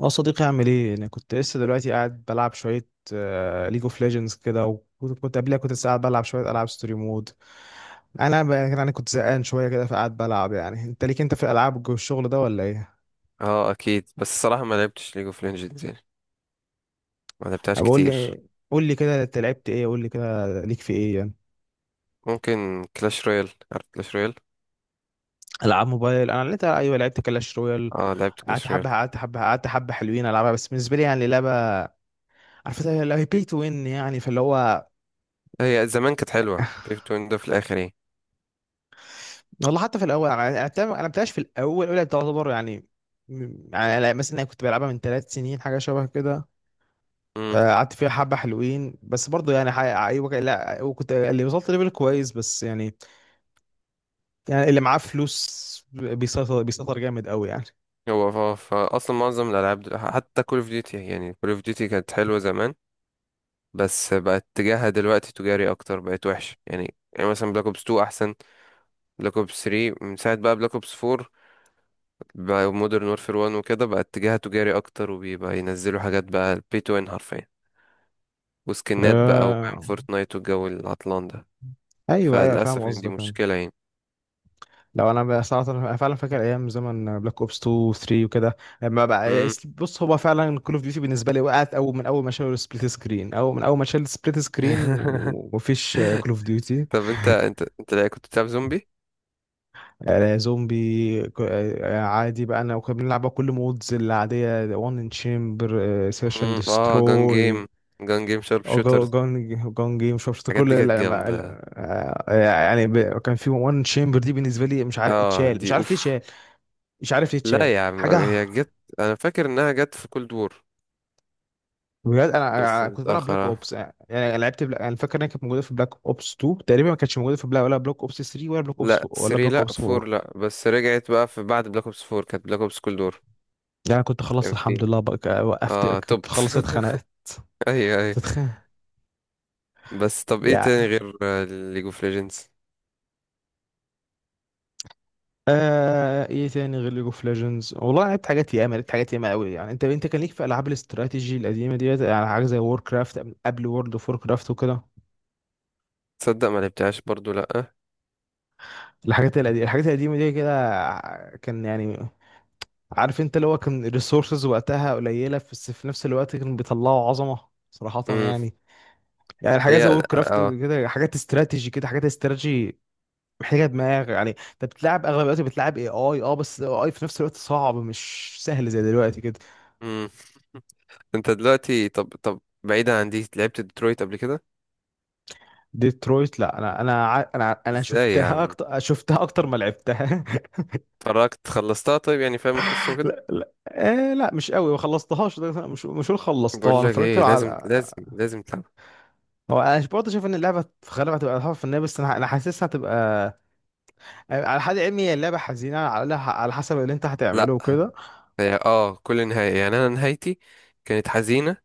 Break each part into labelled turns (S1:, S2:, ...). S1: اه، صديقي، اعمل ايه؟ انا كنت لسه دلوقتي قاعد بلعب شويه ليج اوف ليجندز كده، وكنت كنت قبلها كنت لسه قاعد بلعب شويه العاب ستوري مود. انا كنت زهقان شويه كده فقعد بلعب. يعني انت، ليك انت في الالعاب الشغل ده ولا ايه؟
S2: اه اكيد، بس الصراحه ما لعبتش ليج اوف ليجندز يعني. ما لعبتهاش
S1: بقول
S2: كتير.
S1: لي، قول لي كده انت لعبت ايه، قول لي كده ليك في ايه يعني.
S2: ممكن كلاش رويال، عارف كلاش رويال؟
S1: العاب موبايل، انا لعبت، ايوه لعبت كلاش رويال.
S2: اه لعبت
S1: قعدت
S2: كلاش رويال.
S1: حبه قعدت حبه قعدت حبه حلوين، العبها بس بالنسبه لي يعني لعبه، عارف اللي هي بي تو وين يعني، فاللي هو
S2: هي زمان كانت حلوه، بيفت ويندو في الاخر يعني.
S1: والله حتى في الاول، انا أنا- أنا ما لعبتهاش في الاول، الاولى تعتبر يعني. يعني أنا مثلا، كنت بلعبها من 3 سنين، حاجه شبه كده.
S2: امم
S1: آه، قعدت فيها حبه حلوين بس برضو يعني ايوه لا، وكنت اللي وصلت ليفل كويس بس يعني، يعني اللي معاه فلوس بيسيطر جامد قوي يعني.
S2: هو اصلا معظم الالعاب حتى كول اوف ديوتي، يعني كول اوف ديوتي كانت حلوه زمان، بس بقت اتجاهها دلوقتي تجاري اكتر، بقت وحشه يعني. يعني مثلا بلاك اوبس 2 احسن بلاك اوبس 3، من ساعه بقى بلاك اوبس 4 بقى مودرن وورفير 1 وكده، بقى اتجاهها تجاري اكتر، وبيبقى ينزلوا حاجات بقى بي تو ان حرفيا، وسكنات بقى وفاهم
S1: آه،
S2: فورتنايت والجو العطلان ده.
S1: ايوه ايوه، فاهم
S2: فللأسف يعني دي
S1: قصدك يعني.
S2: مشكلة يعني.
S1: لو انا بقى صراحه، أنا فعلا فاكر ايام زمن بلاك اوبس 2 و 3 وكده. لما بقى
S2: مم.
S1: بص، هو فعلا كول اوف ديوتي بالنسبه لي وقعت اول، من اول ما شالوا السبليت سكرين، او من اول ما شال السبليت سكرين ومفيش كول اوف ديوتي.
S2: طب انت لا كنت بتلعب زومبي؟
S1: زومبي آه، عادي بقى انا، وكنا بنلعب بقى كل مودز العاديه، وان ان تشامبر، سيرش اند
S2: اه جان جيم،
S1: دستروي.
S2: جان جيم شارب شوترز.
S1: جون جون جيم، مش عارف
S2: الحاجات
S1: كل
S2: دي كانت جامدة.
S1: آه، يعني كان في وان تشامبر دي بالنسبه لي، مش عارف
S2: اه
S1: اتشال،
S2: دي
S1: مش عارف
S2: اوف.
S1: ليه اتشال، مش عارف ليه اتشال
S2: لا يا عم،
S1: حاجه.
S2: هي جت. انا فاكر انها جت في كولد وور،
S1: بجد، انا
S2: بس
S1: أنا كنت بلعب
S2: متأخر
S1: بلاك اوبس
S2: اه.
S1: يعني، انا فاكر انها كانت موجوده في بلاك اوبس 2 تقريبا، ما كانتش موجوده في ولا بلاك اوبس 3، ولا بلاك اوبس،
S2: لا 3
S1: ولا بلاك
S2: لا
S1: اوبس
S2: 4،
S1: 4
S2: لا بس رجعت بقى في بعد بلاك اوبس 4، كانت بلاك اوبس كولد وور.
S1: يعني. كنت خلصت
S2: كان فيه
S1: الحمد لله بقى، وقفت،
S2: اه
S1: كنت
S2: توبت.
S1: خلصت، اتخانقت،
S2: ايوه
S1: كنت
S2: ايوه.
S1: اتخانق.
S2: بس طب ايه تاني
S1: يا
S2: غير ليج اوف ليجندز؟
S1: آه، ايه تاني غير ليج اوف ليجندز؟ والله، أنا لعبت حاجات ياما، لعبت حاجات ياما قوي يعني. انت، كان ليك في العاب الاستراتيجي القديمه ديت يعني، حاجه زي وور كرافت قبل وورلد اوف وور كرافت وكده.
S2: تصدق ما لعبتهاش برضو لأ.
S1: الحاجات القديمه دي كده آه، كان يعني عارف انت، اللي هو كان الريسورسز وقتها قليله، بس في نفس الوقت كانوا بيطلعوا عظمه صراحه
S2: امم
S1: يعني. يعني حاجه
S2: هي
S1: زي وور كرافت
S2: اه.
S1: كده، حاجات استراتيجي محتاجه دماغ يعني. انت بتلعب اغلب الوقت بتلعب اي اي اه، بس اي في نفس الوقت صعب، مش سهل زي دلوقتي كده.
S2: امم انت دلوقتي، طب طب بعيدا عن دي، لعبت ديترويت قبل كده؟
S1: ديترويت، لا، انا
S2: ازاي يا
S1: شفتها
S2: عم؟
S1: اكتر، شفتها اكتر ما لعبتها.
S2: اتفرجت خلصتها طيب، يعني فاهم القصة وكده؟
S1: لا لا آه، لا مش قوي، ما خلصتهاش، مش هقول خلصتها،
S2: بقول
S1: انا
S2: لك
S1: اتفرجت
S2: ايه، لازم
S1: على،
S2: لازم لازم تلعبها.
S1: هو انا برضه شايف ان اللعبه في غالبها هتبقى تحفه فنيه بس انا حاسسها هتبقى. على حد علمي، هي اللعبة حزينة، على الأقل على حسب اللي أنت هتعمله
S2: لا
S1: وكده.
S2: هي اه كل نهاية، يعني انا نهايتي كانت حزينة.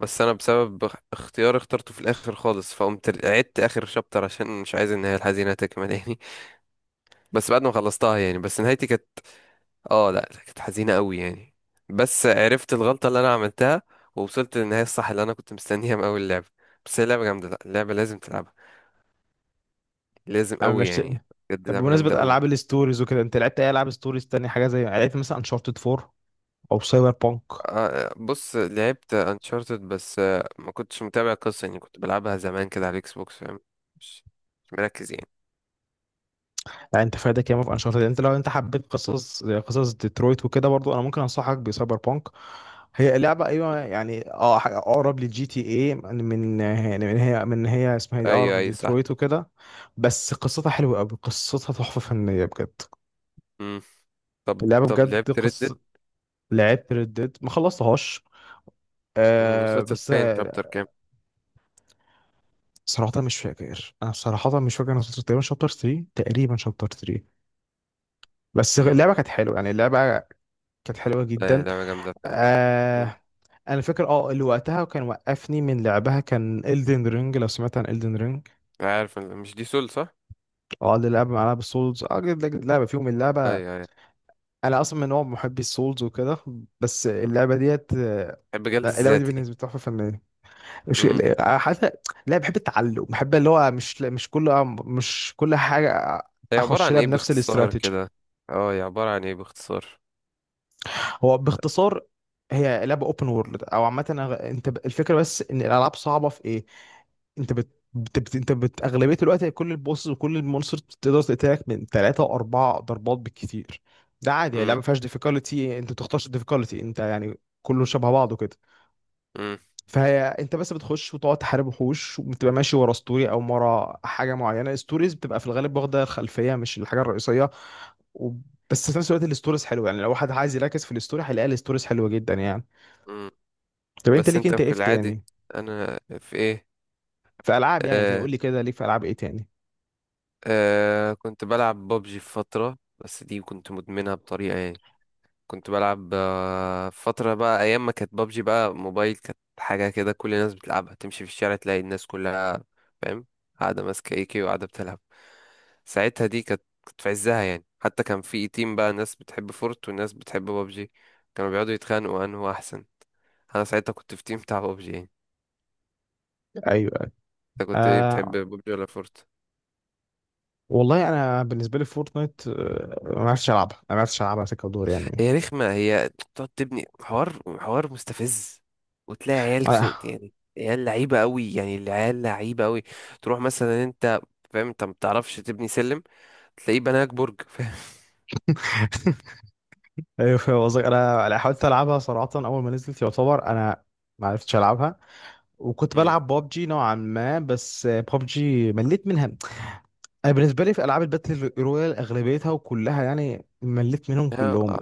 S2: بس انا بسبب اختيار اخترته في الاخر خالص، فقمت عدت اخر شابتر عشان مش عايز النهاية الحزينة تكمل يعني. بس بعد ما خلصتها يعني، بس نهايتي كانت اه، لا لا، كانت حزينة قوي يعني. بس عرفت الغلطة اللي انا عملتها، ووصلت للنهاية الصح اللي انا كنت مستنيها من اول اللعبة. بس هي لعبة جامدة، لا اللعبة لازم تلعبها، لازم
S1: أنا
S2: قوي
S1: مش.
S2: يعني. بجد
S1: طب،
S2: لعبة جامدة
S1: بمناسبة
S2: قوي.
S1: ألعاب الستوريز وكده، أنت لعبت أي ألعاب ستوريز تانية؟ حاجة زي يعني، لعبت مثلا أنشارتد 4 أو سايبر بانك؟
S2: آه، بص لعبت انشارتد، بس آه، ما كنتش متابع القصة يعني، كنت بلعبها زمان كده على الاكس بوكس، فاهم؟ مش مش مركز يعني.
S1: يعني، أنت فايدك ياما في أنشارتد. أنت لو أنت حبيت قصص زي قصص ديترويت وكده، برضو أنا ممكن أنصحك بسايبر بانك. هي لعبة، أيوة
S2: مم.
S1: يعني، أه حاجة أقرب للجي تي إيه من من يعني من هي، هي اسمها إيه دي،
S2: ايوه
S1: أقرب
S2: ايوه صح.
S1: لديترويت وكده. بس قصتها حلوة أوي، قصتها تحفة فنية بجد.
S2: مم. طب
S1: اللعبة
S2: طب
S1: بجد
S2: لعبت
S1: قص
S2: ردت؟
S1: لعبت ريد ديد، ما خلصتهاش آه،
S2: وصلت
S1: بس
S2: لفين،
S1: آه،
S2: شابتر كام؟
S1: صراحة مش فاكر، انا وصلت تقريبا شابتر 3، تقريبا شابتر 3. بس اللعبة
S2: مم.
S1: كانت حلوة يعني، كانت حلوة
S2: آه،
S1: جدا.
S2: لعبة جامدة فعلا. مم.
S1: آه، انا فاكر اه اللي وقتها كان وقفني من لعبها، كان Elden Ring. لو سمعت عن Elden Ring،
S2: عارف، مش دي سول صح؟
S1: اه، اللي لعبة مع لعبة سولز، اه لعبة فيهم اللعبة.
S2: ايوه
S1: انا اصلا من نوع محبي السولز وكده، بس
S2: ايوه.
S1: اللعبة ديت آه،
S2: الجلد
S1: لا، اللعبة دي
S2: الذاتي.
S1: بالنسبة لي تحفة فنية. مش
S2: مم.
S1: حتى لا، بحب التعلم، بحب اللي هو مش كل آه، مش كل حاجه
S2: هي عبارة
S1: اخش
S2: عن
S1: لها
S2: ايه
S1: بنفس
S2: باختصار
S1: الاستراتيجي.
S2: كده؟ اه هي عبارة عن ايه باختصار؟
S1: هو باختصار، هي لعبه اوبن وورلد او عامه، الفكره بس ان الالعاب صعبه في ايه. انت بت... بت... بت... انت بت... اغلبيه الوقت كل البوسز وكل المونسترز بتقدر تقتلك من 3 و4 ضربات بالكتير. ده عادي يعني،
S2: مم.
S1: لعبه ما فيهاش ديفيكولتي، انت ما بتختارش الديفيكولتي انت يعني، كله شبه بعضه كده.
S2: مم.
S1: فانت بس بتخش وتقعد تحارب وحوش، وبتبقى ماشي ورا ستوري او ورا حاجه معينه. الستوريز بتبقى في الغالب واخده الخلفيه، مش الحاجه الرئيسيه، و... بس في نفس الوقت الستوريز حلوه يعني، لو واحد عايز يركز في الستوري هيلاقي الستوريز حلوه جدا يعني.
S2: مم.
S1: طب انت،
S2: بس
S1: ليك
S2: انت
S1: انت ايه
S2: في
S1: في
S2: العادي،
S1: تاني؟
S2: انا في ايه؟
S1: في العاب يعني تاني،
S2: آه،
S1: قول لي كده ليك في العاب ايه تاني.
S2: آه، كنت بلعب ببجي في فترة، بس دي كنت مدمنها بطريقة يعني. كنت بلعب آه، فترة بقى، أيام ما كانت بابجي بقى موبايل، كانت حاجة كده، كل الناس بتلعبها، تمشي في الشارع تلاقي الناس كلها فاهم قاعدة ماسكة ايكي وقاعدة بتلعب. ساعتها دي كانت، كانت في عزها يعني. حتى كان في تيم بقى، ناس بتحب فورت وناس بتحب بابجي، كانوا بيقعدوا يتخانقوا أنه أحسن. أنا ساعتها كنت في تيم بتاع بابجي يعني.
S1: ايوه. أيوة.
S2: أنت كنت ايه، بتحب
S1: آه،
S2: بابجي ولا فورت؟
S1: والله انا بالنسبه لي فورتنايت آه، ما عرفتش العبها، ما عرفتش العبها سكه ودور يعني.
S2: هي رخمة، هي بتقعد تبني حوار، حوار مستفز، وتلاقي عيال صوت،
S1: انا
S2: يعني عيال لعيبة قوي يعني، العيال لعيبة قوي. تروح مثلا انت، فاهم، انت ما بتعرفش تبني سلم، تلاقيه بناك برج فاهم.
S1: ايوه فاهم قصدك. انا حاولت العبها صراحه اول ما نزلت يعتبر، انا ما عرفتش العبها. وكنت
S2: مم.
S1: بلعب بابجي نوعا ما، بس بابجي مليت منها. انا بالنسبه لي في العاب الباتل رويال اغلبيتها وكلها يعني، مليت منهم
S2: هي
S1: كلهم.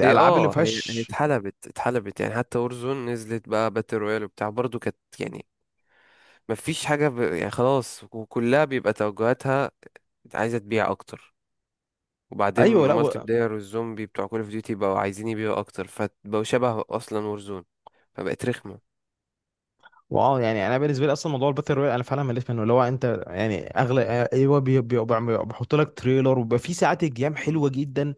S2: هي
S1: اللي
S2: اه، هي
S1: فيهاش،
S2: اتحلبت، اتحلبت يعني. حتى اورزون نزلت بقى باتل رويال وبتاع برضو، كانت يعني ما فيش حاجة يعني خلاص، وكلها بيبقى توجهاتها عايزة تبيع اكتر. وبعدين
S1: ايوه لا
S2: مالتي
S1: و-
S2: بلاير والزومبي بتوع كول اوف ديوتي بقوا عايزين يبيعوا اكتر، فبقوا شبه اصلا وورزون، فبقت رخمه.
S1: واو يعني انا بالنسبه لي اصلا موضوع الباتل رويال انا فعلا مليت منه. اللي هو انت يعني اغلب، ايوه بيحط لك تريلر وبيبقى في ساعات الجيم
S2: مم.
S1: حلوه جدا.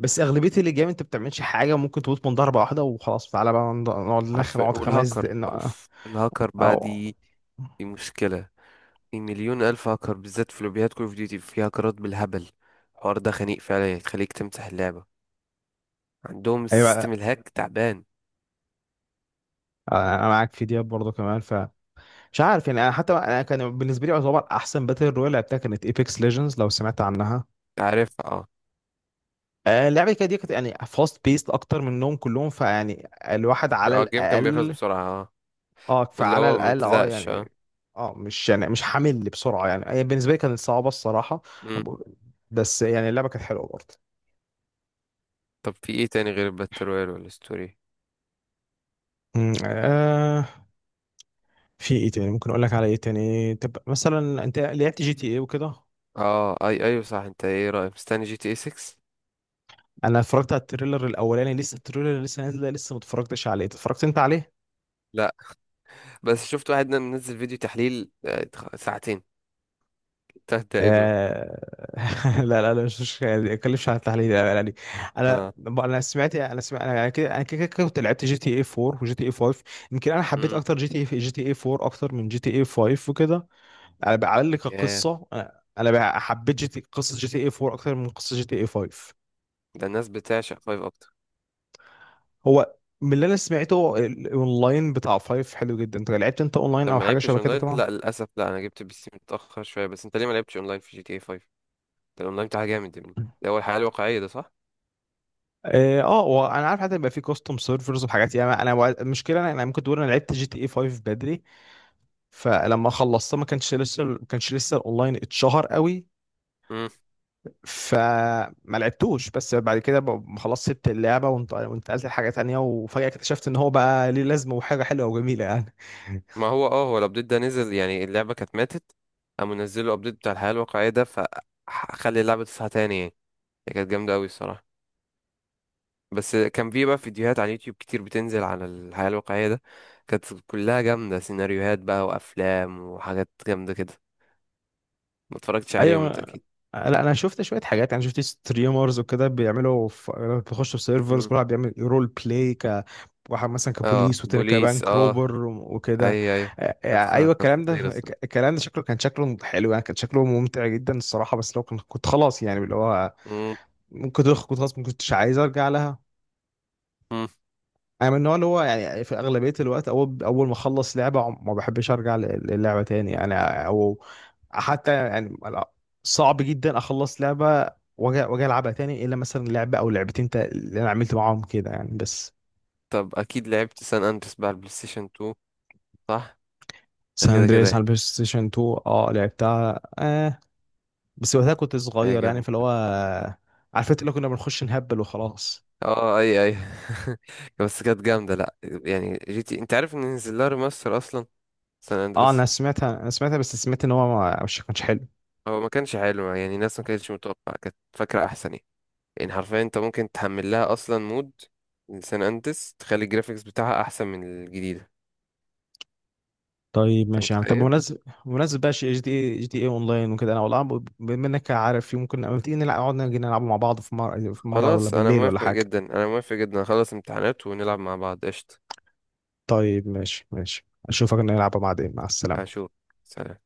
S1: بس اغلبيه الجيم انت بتعملش حاجه، ممكن تموت من ضربه واحده، وخلاص تعالى بقى
S2: عارفه،
S1: نقعد خمس
S2: والهاكر
S1: دقايق
S2: اوف الهاكر بقى
S1: او.
S2: دي، دي مشكله. في مليون الف هاكر، بالذات في لوبيات كول اوف ديوتي في هاكرات بالهبل. الحوار ده خنيق فعلا، يخليك تمسح اللعبه. عندهم
S1: ايوه
S2: السيستم الهاك تعبان.
S1: انا معاك في دياب برضه كمان. مش عارف يعني، انا حتى انا كان بالنسبه لي يعتبر احسن باتل رويال لعبتها كانت ايبكس ليجندز، لو سمعت عنها.
S2: عارف اه.
S1: آه، اللعبه كده دي كانت يعني فاست بيست اكتر منهم كلهم. فيعني الواحد على
S2: اه الجيم كان بيخلص
S1: الاقل،
S2: بسرعه اه،
S1: اه
S2: اللي
S1: فعلى
S2: هو ما
S1: الاقل اه
S2: بتزهقش اه.
S1: يعني. اه، مش يعني مش حامل بسرعه يعني. هي بالنسبه لي كانت صعبه الصراحه،
S2: مم.
S1: بس يعني اللعبه كانت حلوه برضه.
S2: طب في ايه تاني غير الباتل رويال والستوري؟
S1: آه، في ايه تاني ممكن اقول لك على ايه تاني؟ طب مثلا، انت لعبت جي تي ايه وكده؟
S2: اه اي ايوه صح. انت ايه رايك، مستني جي تي اي 6؟
S1: انا اتفرجت على التريلر الاولاني، لسه التريلر لسه نازله، لسه ما اتفرجتش عليه. اتفرجت انت عليه؟
S2: لا، بس شفت واحد منزل فيديو تحليل آه، ساعتين تلات دقايق دول.
S1: آه، لا مش مش يعني، ما اتكلمش عن التحليل، لا لا، يعني انا،
S2: اه.
S1: انا سمعت انا سمعت انا كده انا كده كده كنت لعبت جي تي اي 4 وجي تي اي 5. يمكن حبيت
S2: امم
S1: اكتر جي تي اي، جي تي اي 4 اكتر من جي تي اي 5 وكده. على على الاقل
S2: ياه،
S1: كقصه، انا بقى حبيت جي تي قصه جي تي اي 4 اكتر من قصه جي تي اي 5.
S2: ده الناس بتعشق فايف اكتر.
S1: هو، من اللي انا سمعته الاونلاين بتاع 5 حلو جدا. انت لعبت انت
S2: انت
S1: اونلاين او
S2: ما
S1: حاجه
S2: لعبتش
S1: شبه كده
S2: اونلاين؟
S1: طبعا؟
S2: لا للاسف لا، انا جبت بي سي متاخر شويه. بس انت ليه ما لعبتش اونلاين في جي تي اي 5؟ ده الاونلاين بتاعها جامد يا ابني، ده هو الحياه الواقعيه ده صح.
S1: اه، آه، وانا عارف حتى يبقى في كاستم سيرفرز وحاجات يعني. انا المشكله، انا ممكن تقول انا لعبت جي تي اي 5 بدري، فلما خلصتها ما كانش لسه، ما كانش لسه الاونلاين اتشهر قوي.
S2: امم
S1: فما لعبتوش. بس بعد كده خلاص، سبت اللعبه وانتقلت لحاجه تانية، وفجاه اكتشفت ان هو بقى ليه لازمه وحاجه حلوه وجميله يعني.
S2: ما هو اه، هو الابديت ده نزل يعني، اللعبه كانت ماتت، قاموا نزلوا الابديت بتاع الحياه الواقعيه ده، فخلي اللعبه تصحى تاني يعني. هي كانت جامده قوي الصراحه. بس كان في بقى فيديوهات على اليوتيوب كتير بتنزل عن الحياة الواقعية ده، كانت كلها جامدة، سيناريوهات بقى وأفلام وحاجات جامدة كده. ما اتفرجتش عليهم
S1: ايوه
S2: انت أكيد.
S1: لا، انا شفت شويه حاجات يعني، شفت ستريمرز وكده بيعملوا بيخشوا في سيرفرز،
S2: مم.
S1: كل واحد بيعمل رول بلاي. واحد مثلا
S2: اه
S1: كبوليس والتاني
S2: بوليس
S1: كبنك روبر
S2: اه.
S1: وكده.
S2: أي أي.
S1: آه،
S2: كانت
S1: آه،
S2: خ-
S1: ايوه
S2: كانت
S1: الكلام ده
S2: خطيرة الصراحة.
S1: الكلام ده شكله كان شكله حلو يعني، كان شكله ممتع جدا الصراحه، بس لو كنت، كنت خلاص يعني اللي هو
S2: مم.
S1: كنت خلاص ما كنتش عايز ارجع لها.
S2: مم.
S1: انا من النوع اللي هو يعني في اغلبيه الوقت، اول ما اخلص لعبه ما بحبش ارجع للعبه تاني يعني. او حتى يعني لا، صعب جدا اخلص لعبه واجي، العبها تاني، الا مثلا لعبه او لعبتين اللي انا عملت معاهم كده يعني بس.
S2: طب أكيد لعبت سان أندريس بقى على البلاي ستيشن 2، صح؟ ده
S1: سان
S2: كده كده
S1: اندريس على
S2: يعني.
S1: البلاي ستيشن 2، اه لعبتها آه، بس وقتها كنت
S2: هي
S1: صغير يعني،
S2: جامدة.
S1: فاللي هو عارف انت اللي كنا بنخش نهبل وخلاص.
S2: اه أي أي. بس كانت جامدة لأ يعني. جي تي أنت عارف إن نزل لها ريماستر أصلا، سان
S1: اه، انا
S2: أندريس؟
S1: سمعتها انا سمعتها بس سمعت ان هو مش كانش حلو.
S2: هو ما كانش حلو يعني، الناس ما كانتش متوقعة، كانت فاكرة أحسن يعني. يعني حرفيا انت ممكن تحمل لها اصلا مود لسان اندريس، تخلي الجرافيكس بتاعها احسن من الجديده.
S1: طيب
S2: انت
S1: ماشي يا عم، طب
S2: متخيل؟
S1: بمناسبة، بمناسبة بقى جي دي اي، جي دي اي اونلاين وكده، انا والله بما انك عارف، ممكن اما تيجي نلعب، نقعد نيجي نلعب مع بعض، في مرة في مرة، ولا
S2: خلاص انا
S1: بالليل ولا
S2: موافق
S1: حاجة.
S2: جدا، انا موافق جدا، خلص امتحانات ونلعب مع بعض قشطه.
S1: طيب ماشي ماشي، اشوفك، نلعب بعدين، مع السلامة.
S2: اشوف. سلام